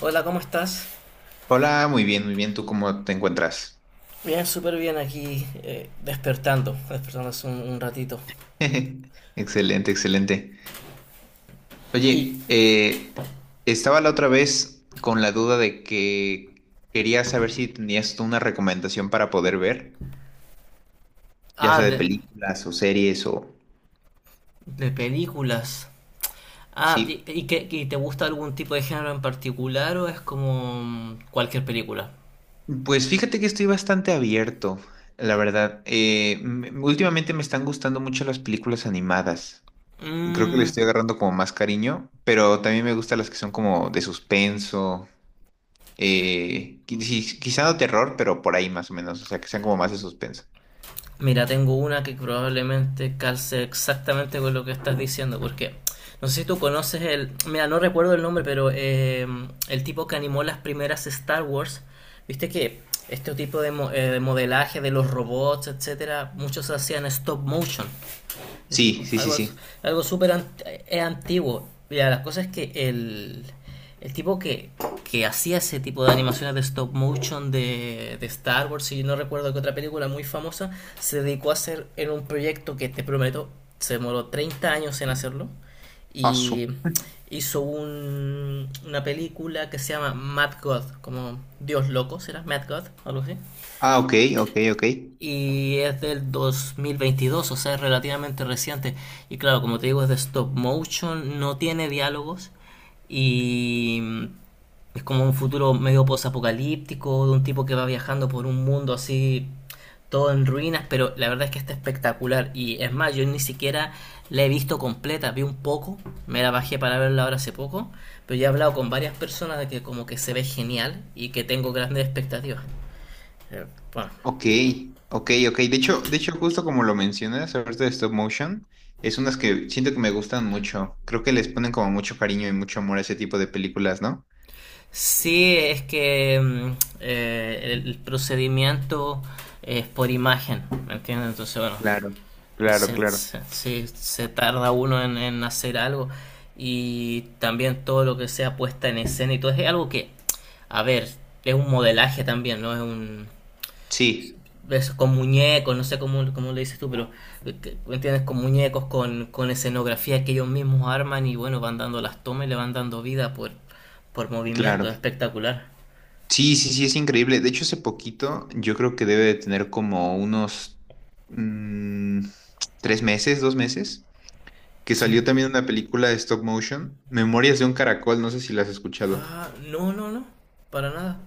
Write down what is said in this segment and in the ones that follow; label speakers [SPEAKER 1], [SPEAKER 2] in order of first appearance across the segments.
[SPEAKER 1] Hola, ¿cómo estás?
[SPEAKER 2] Hola, muy bien, muy bien. ¿Tú cómo te encuentras?
[SPEAKER 1] Bien, súper bien aquí, despertando, despertando hace un ratito.
[SPEAKER 2] Excelente, excelente.
[SPEAKER 1] Y,
[SPEAKER 2] Oye, estaba la otra vez con la duda de que quería saber si tenías tú una recomendación para poder ver, ya
[SPEAKER 1] ah,
[SPEAKER 2] sea de
[SPEAKER 1] de,
[SPEAKER 2] películas o series o...
[SPEAKER 1] de películas.
[SPEAKER 2] Sí,
[SPEAKER 1] Y te gusta algún tipo de género en particular o es como cualquier película?
[SPEAKER 2] pues fíjate que estoy bastante abierto, la verdad. Últimamente me están gustando mucho las películas animadas. Creo que le
[SPEAKER 1] Mm.
[SPEAKER 2] estoy agarrando como más cariño, pero también me gustan las que son como de suspenso. Quizá no terror, pero por ahí más o menos. O sea, que sean como más de suspenso.
[SPEAKER 1] Mira, tengo una que probablemente calce exactamente con lo que estás diciendo, porque no sé si tú conoces el, mira, no recuerdo el nombre, pero el tipo que animó las primeras Star Wars, viste que este tipo de modelaje de los robots, etcétera, muchos hacían stop motion. Es
[SPEAKER 2] Sí,
[SPEAKER 1] como
[SPEAKER 2] sí, sí,
[SPEAKER 1] algo,
[SPEAKER 2] sí.
[SPEAKER 1] algo súper antiguo. Mira, la cosa es que el tipo que hacía ese tipo de animaciones de stop motion de Star Wars, y no recuerdo que otra película muy famosa, se dedicó a hacer en un proyecto que te prometo, se demoró 30 años en hacerlo.
[SPEAKER 2] Paso.
[SPEAKER 1] Y hizo una película que se llama Mad God, como Dios Loco, ¿será? Mad God, algo así,
[SPEAKER 2] Ah, ok, ok, ok.
[SPEAKER 1] y es del 2022, o sea, es relativamente reciente. Y claro, como te digo, es de stop motion, no tiene diálogos y es como un futuro medio posapocalíptico de un tipo que va viajando por un mundo así todo en ruinas, pero la verdad es que está espectacular y es más, yo ni siquiera la he visto completa, vi un poco, me la bajé para verla ahora hace poco, pero ya he hablado con varias personas de que como que se ve genial y que tengo grandes expectativas. Eh, Bueno,
[SPEAKER 2] Ok, ok, ok. De hecho, justo como lo mencionas, ahorita de stop motion, es unas que siento que me gustan mucho. Creo que les ponen como mucho cariño y mucho amor a ese tipo de películas, ¿no?
[SPEAKER 1] Sí, es que el procedimiento es por imagen, ¿me entiendes? Entonces, bueno,
[SPEAKER 2] Claro, claro, claro.
[SPEAKER 1] sí, se tarda uno en hacer algo y también todo lo que sea puesta en escena y todo es algo que, a ver, es un modelaje también, ¿no? Es un...
[SPEAKER 2] Sí,
[SPEAKER 1] Es con muñecos, no sé cómo, cómo le dices tú, pero ¿me entiendes? Con muñecos, con escenografía que ellos mismos arman y bueno, van dando las tomas y le van dando vida por
[SPEAKER 2] claro.
[SPEAKER 1] movimiento, es espectacular.
[SPEAKER 2] Sí, sí, sí, es increíble. De hecho, hace poquito yo creo que debe de tener como unos mm, tres meses, dos meses, que
[SPEAKER 1] Sí.
[SPEAKER 2] salió también una película de stop motion, Memorias de un Caracol, no sé si la has escuchado.
[SPEAKER 1] Ah, no, no, no. Para nada.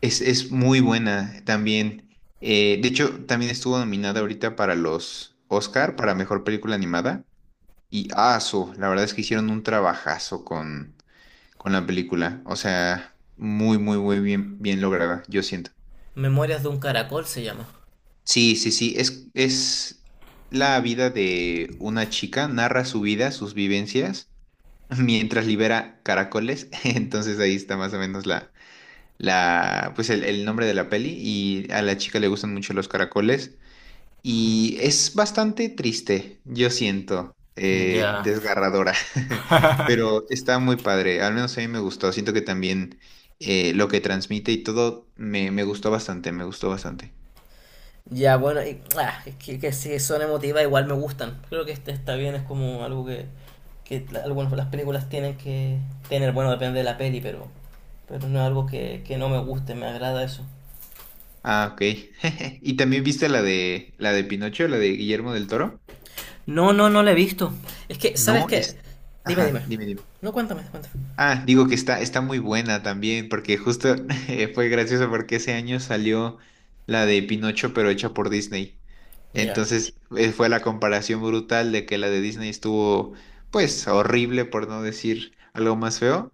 [SPEAKER 2] Es muy buena también. De hecho, también estuvo nominada ahorita para los Oscar, para Mejor Película Animada. Y aso, la verdad es que hicieron un trabajazo con la película. O sea, muy, muy, muy bien, bien lograda, yo siento.
[SPEAKER 1] Memorias de un caracol se llama.
[SPEAKER 2] Sí, sí, sí, es la vida de una chica, narra su vida, sus vivencias mientras libera caracoles. Entonces ahí está más o menos la, la, pues el nombre de la peli. Y a la chica le gustan mucho los caracoles. Y es bastante triste, yo siento,
[SPEAKER 1] Ya.
[SPEAKER 2] desgarradora. Pero está muy padre. Al menos a mí me gustó. Siento que también lo que transmite y todo me, me gustó bastante, me gustó bastante.
[SPEAKER 1] Ya, bueno, es que sí, son emotivas, igual me gustan. Creo que este está bien, es como algo que, algunas las películas tienen que tener. Bueno, depende de la peli, pero no es algo que no me guste, me agrada eso.
[SPEAKER 2] Ah, ok. ¿Y también viste la de Pinocho, la de Guillermo del Toro?
[SPEAKER 1] No, no, no la he visto. Es que, ¿sabes
[SPEAKER 2] No,
[SPEAKER 1] qué?
[SPEAKER 2] es.
[SPEAKER 1] Dime, dime.
[SPEAKER 2] Ajá, dime, dime.
[SPEAKER 1] No, cuéntame, cuéntame.
[SPEAKER 2] Ah, digo que está, está muy buena también, porque justo fue gracioso porque ese año salió la de Pinocho, pero hecha por Disney.
[SPEAKER 1] Ya.
[SPEAKER 2] Entonces fue la comparación brutal de que la de Disney estuvo, pues, horrible, por no decir algo más feo,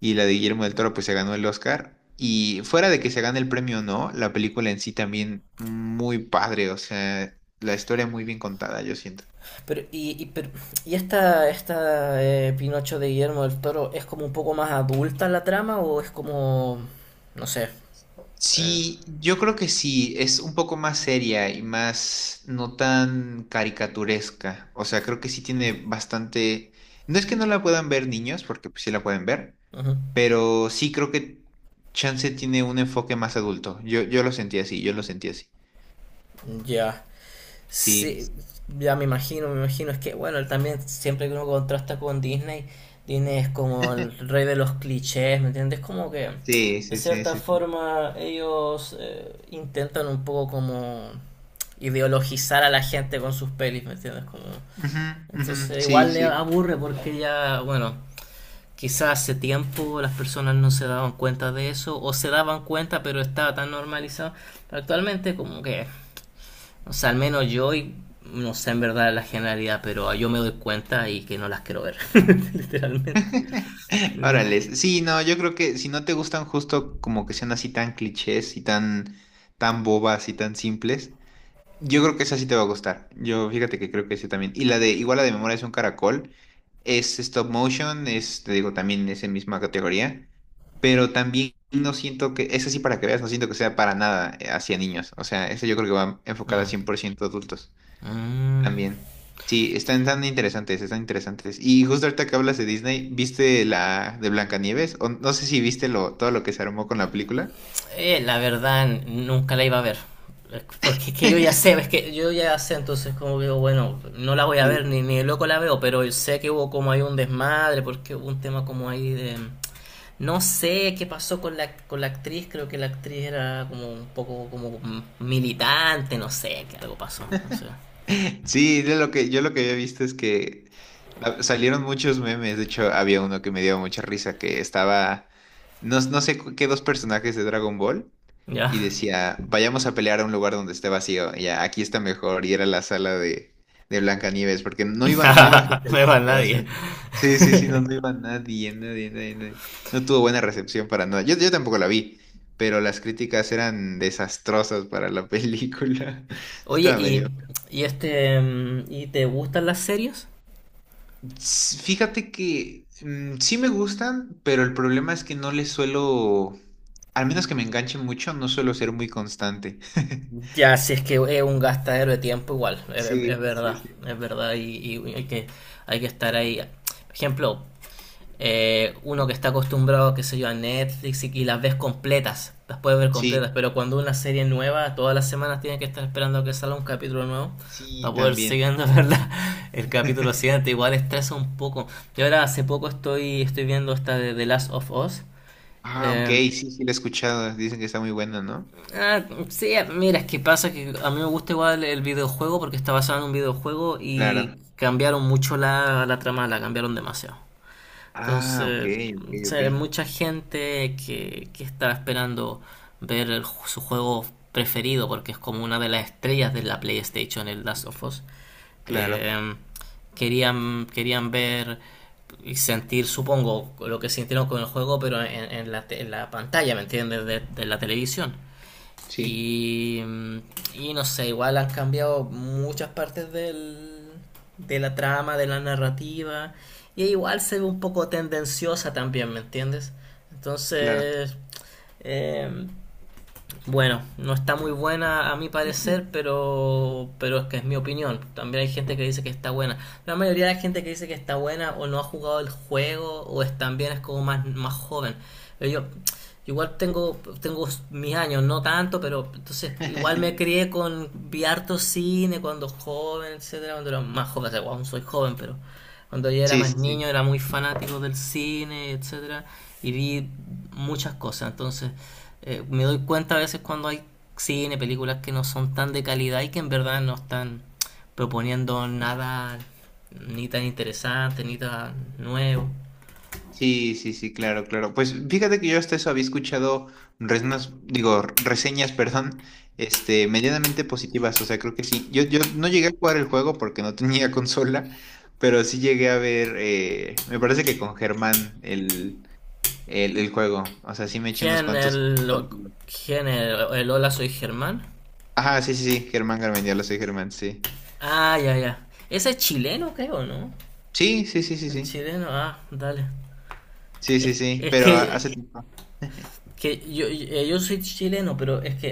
[SPEAKER 2] y la de Guillermo del Toro, pues, se ganó el Oscar. Y fuera de que se gane el premio o no, la película en sí también muy padre, o sea, la historia muy bien contada, yo siento.
[SPEAKER 1] Pero, y, y, pero- esta Pinocho de Guillermo del Toro es como un poco más adulta la trama o es como, no sé. Eh,
[SPEAKER 2] Sí, yo creo que sí, es un poco más seria y más no tan caricaturesca. O sea, creo que sí tiene bastante... No es que no la puedan ver niños, porque pues, sí la pueden ver,
[SPEAKER 1] ujú.
[SPEAKER 2] pero sí creo que Chance tiene un enfoque más adulto. Yo lo sentí así, yo lo sentí así.
[SPEAKER 1] Ya, sí,
[SPEAKER 2] Sí,
[SPEAKER 1] ya me imagino, me imagino. Es que, bueno, también siempre que uno contrasta con Disney, Disney es como el rey de los clichés, ¿me entiendes? Como que,
[SPEAKER 2] sí,
[SPEAKER 1] de
[SPEAKER 2] sí, sí,
[SPEAKER 1] cierta
[SPEAKER 2] sí. Sí,
[SPEAKER 1] forma, ellos intentan un poco como ideologizar a la gente con sus pelis, ¿me entiendes? Como...
[SPEAKER 2] ujú, ujú,
[SPEAKER 1] Entonces
[SPEAKER 2] sí,
[SPEAKER 1] igual le
[SPEAKER 2] sí.
[SPEAKER 1] aburre porque ya, bueno, quizás hace tiempo las personas no se daban cuenta de eso o se daban cuenta pero estaba tan normalizado. Pero actualmente como que, o sea, al menos yo y no sé en verdad la generalidad, pero yo me doy cuenta y que no las quiero ver, literalmente. Mm,
[SPEAKER 2] Órale, sí, no, yo creo que si no te gustan justo como que sean así tan clichés y tan, tan bobas y tan simples. Yo creo que esa sí te va a gustar. Yo fíjate que creo que ese también. Y la de, igual la de Memoria es un caracol, es stop motion, es, te digo, también es en misma categoría, pero también no siento que, esa sí para que veas, no siento que sea para nada hacia niños. O sea, esa yo creo que va enfocada 100% adultos
[SPEAKER 1] mm.
[SPEAKER 2] también. Sí, están tan interesantes, están interesantes. Y justo ahorita que hablas de Disney, ¿viste la de Blancanieves? O no sé si viste lo, todo lo que se armó con la película.
[SPEAKER 1] La verdad, nunca la iba a ver. Porque es que yo ya sé, es que yo ya sé, entonces como que digo, bueno, no la voy a ver,
[SPEAKER 2] Sí,
[SPEAKER 1] ni, ni de loco la veo, pero sé que hubo como ahí un desmadre, porque hubo un tema como ahí de... No sé qué pasó con la actriz, creo que la actriz era como un poco como militante, no sé, que algo pasó, no sé.
[SPEAKER 2] Sí, de lo que, yo lo que había visto es que salieron muchos memes. De hecho, había uno que me dio mucha risa que estaba, no, qué dos personajes de Dragon Ball
[SPEAKER 1] Ya,
[SPEAKER 2] y decía, vayamos a pelear a un lugar donde esté vacío. Y ya, aquí está mejor. Y era la sala de Blancanieves, porque no
[SPEAKER 1] no
[SPEAKER 2] iba, no iba gente al
[SPEAKER 1] es para
[SPEAKER 2] cine. O sea,
[SPEAKER 1] nadie.
[SPEAKER 2] sí, sí, sí, no, no iba nadie, nadie, nadie, nadie. No tuvo buena recepción para nada. Yo tampoco la vi, pero las críticas eran desastrosas para la película.
[SPEAKER 1] Oye,
[SPEAKER 2] Estaba medio.
[SPEAKER 1] ¿y te gustan las series?
[SPEAKER 2] Fíjate que sí me gustan, pero el problema es que no les suelo, al menos que me enganchen mucho, no suelo ser muy constante.
[SPEAKER 1] Ya, si es que es un gastadero de tiempo igual,
[SPEAKER 2] Sí, sí, sí.
[SPEAKER 1] es verdad y hay que estar ahí. Por ejemplo, uno que está acostumbrado, qué sé yo, a Netflix y las ves completas, las puedes ver
[SPEAKER 2] Sí,
[SPEAKER 1] completas, pero cuando una serie nueva, todas las semanas tienes que estar esperando a que salga un capítulo nuevo
[SPEAKER 2] sí,
[SPEAKER 1] para poder
[SPEAKER 2] también.
[SPEAKER 1] seguir viendo ¿verdad? El capítulo siguiente, igual estresa un poco. Yo ahora hace poco estoy, estoy viendo esta de The Last of Us.
[SPEAKER 2] Ah, ok,
[SPEAKER 1] eh,
[SPEAKER 2] sí, sí, la he escuchado. Dicen que está muy buena, ¿no?
[SPEAKER 1] Ah, sí, mira, es que pasa que a mí me gusta igual el videojuego porque está basado en un videojuego y
[SPEAKER 2] Claro.
[SPEAKER 1] cambiaron mucho la trama, la cambiaron demasiado.
[SPEAKER 2] Ah, ok,
[SPEAKER 1] Entonces,
[SPEAKER 2] ok,
[SPEAKER 1] o sea,
[SPEAKER 2] ok.
[SPEAKER 1] hay mucha gente que está esperando ver su juego preferido porque es como una de las estrellas de la PlayStation, el Last of Us.
[SPEAKER 2] Claro,
[SPEAKER 1] Eh, querían, querían ver y sentir, supongo, lo que sintieron con el juego, pero en la pantalla, ¿me entiendes? De la televisión.
[SPEAKER 2] sí,
[SPEAKER 1] Y, y no sé, igual han cambiado muchas partes de la trama, de la narrativa. Y igual se ve un poco tendenciosa también, ¿me entiendes?
[SPEAKER 2] claro.
[SPEAKER 1] Entonces, eh, bueno, no está muy buena a mi parecer, pero es que es mi opinión. También hay gente que dice que está buena. La mayoría de la gente que dice que está buena o no ha jugado el juego o es también es como más, más joven. Pero yo igual tengo, tengo mis años, no tanto, pero entonces igual me crié con vi harto cine cuando joven, etcétera, cuando era más joven, o sea, aún soy joven, pero cuando yo era
[SPEAKER 2] Sí,
[SPEAKER 1] más
[SPEAKER 2] sí, sí.
[SPEAKER 1] niño era muy fanático del cine, etcétera, y vi muchas cosas. Entonces, me doy cuenta a veces cuando hay cine, películas que no son tan de calidad y que en verdad no están proponiendo nada ni tan interesante, ni tan nuevo.
[SPEAKER 2] Sí, sí, sí, claro, claro. Pues fíjate que yo hasta eso había escuchado reseñas, digo, reseñas, perdón, este, medianamente positivas, o sea, creo que sí. Yo no llegué a jugar el juego porque no tenía consola, pero sí llegué a ver, me parece que con Germán el juego, o sea, sí me eché unos
[SPEAKER 1] ¿Quién es
[SPEAKER 2] cuantos
[SPEAKER 1] el,
[SPEAKER 2] capítulos.
[SPEAKER 1] quién el Hola Soy Germán?
[SPEAKER 2] Ajá, sí, sí, sí, Germán Garmendia, lo soy Germán, sí.
[SPEAKER 1] Ah, ya, ya. Ese es chileno, creo, ¿no?
[SPEAKER 2] Sí, sí, sí, sí,
[SPEAKER 1] El
[SPEAKER 2] sí.
[SPEAKER 1] chileno, ah, dale.
[SPEAKER 2] Sí, sí,
[SPEAKER 1] Es,
[SPEAKER 2] sí,
[SPEAKER 1] es
[SPEAKER 2] pero
[SPEAKER 1] que,
[SPEAKER 2] hace tiempo.
[SPEAKER 1] que yo, yo soy chileno, pero es que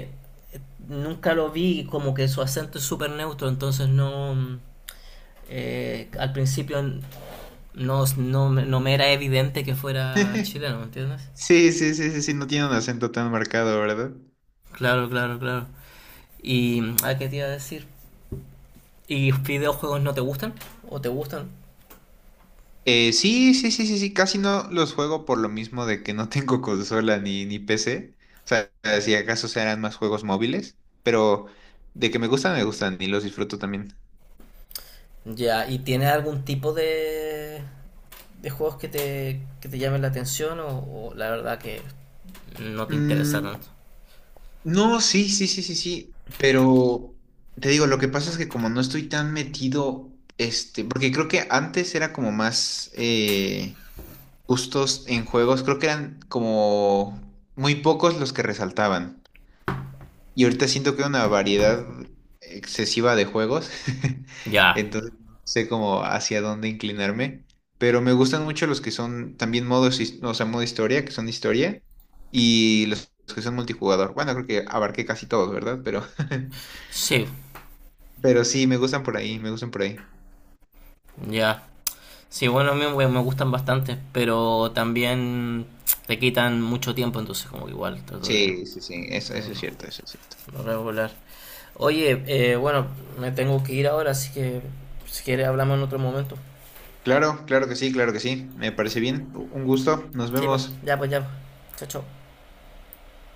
[SPEAKER 1] eh, nunca lo vi como que su acento es súper neutro, entonces no... al principio no, no, no me era evidente que fuera chileno, ¿me entiendes?
[SPEAKER 2] Sí, sí, sí, sí, sí, no tiene un acento tan marcado, ¿verdad?
[SPEAKER 1] Claro, claro, claro. Y, ¿a qué te iba a decir? ¿Y videojuegos no te gustan? ¿O te gustan?
[SPEAKER 2] Sí, sí, sí, sí, sí, casi no los juego por lo mismo de que no tengo consola ni, ni PC. O sea, si acaso serán más juegos móviles, pero de que me gustan y los disfruto también.
[SPEAKER 1] Ya, ¿y tienes algún tipo de juegos que te llamen la atención o la verdad que no te interesa
[SPEAKER 2] Mm,
[SPEAKER 1] tanto?
[SPEAKER 2] no, sí, sí, sí, sí, sí, pero te digo, lo que pasa es que como no estoy tan metido, este, porque creo que antes era como más gustos en juegos, creo que eran como muy pocos los que resaltaban. Y ahorita siento que hay una variedad excesiva de juegos,
[SPEAKER 1] Ya,
[SPEAKER 2] entonces no sé cómo hacia dónde inclinarme, pero me gustan mucho los que son también modos, o sea, modo historia, que son historia, y los que son multijugador. Bueno, creo que abarqué casi todos, ¿verdad? Pero,
[SPEAKER 1] sí,
[SPEAKER 2] pero sí, me gustan por ahí, me gustan por ahí.
[SPEAKER 1] ya. Sí, bueno, a mí me gustan bastante, pero también te quitan mucho tiempo, entonces como que igual trato
[SPEAKER 2] Sí, sí, sí, eso es cierto,
[SPEAKER 1] de
[SPEAKER 2] eso es cierto.
[SPEAKER 1] regular. Oye, bueno, me tengo que ir ahora, así que si quieres hablamos en otro momento.
[SPEAKER 2] Claro, claro que sí, me parece bien, un gusto, nos
[SPEAKER 1] Sí, pues,
[SPEAKER 2] vemos.
[SPEAKER 1] ya, pues, ya, pues. Chao, chao.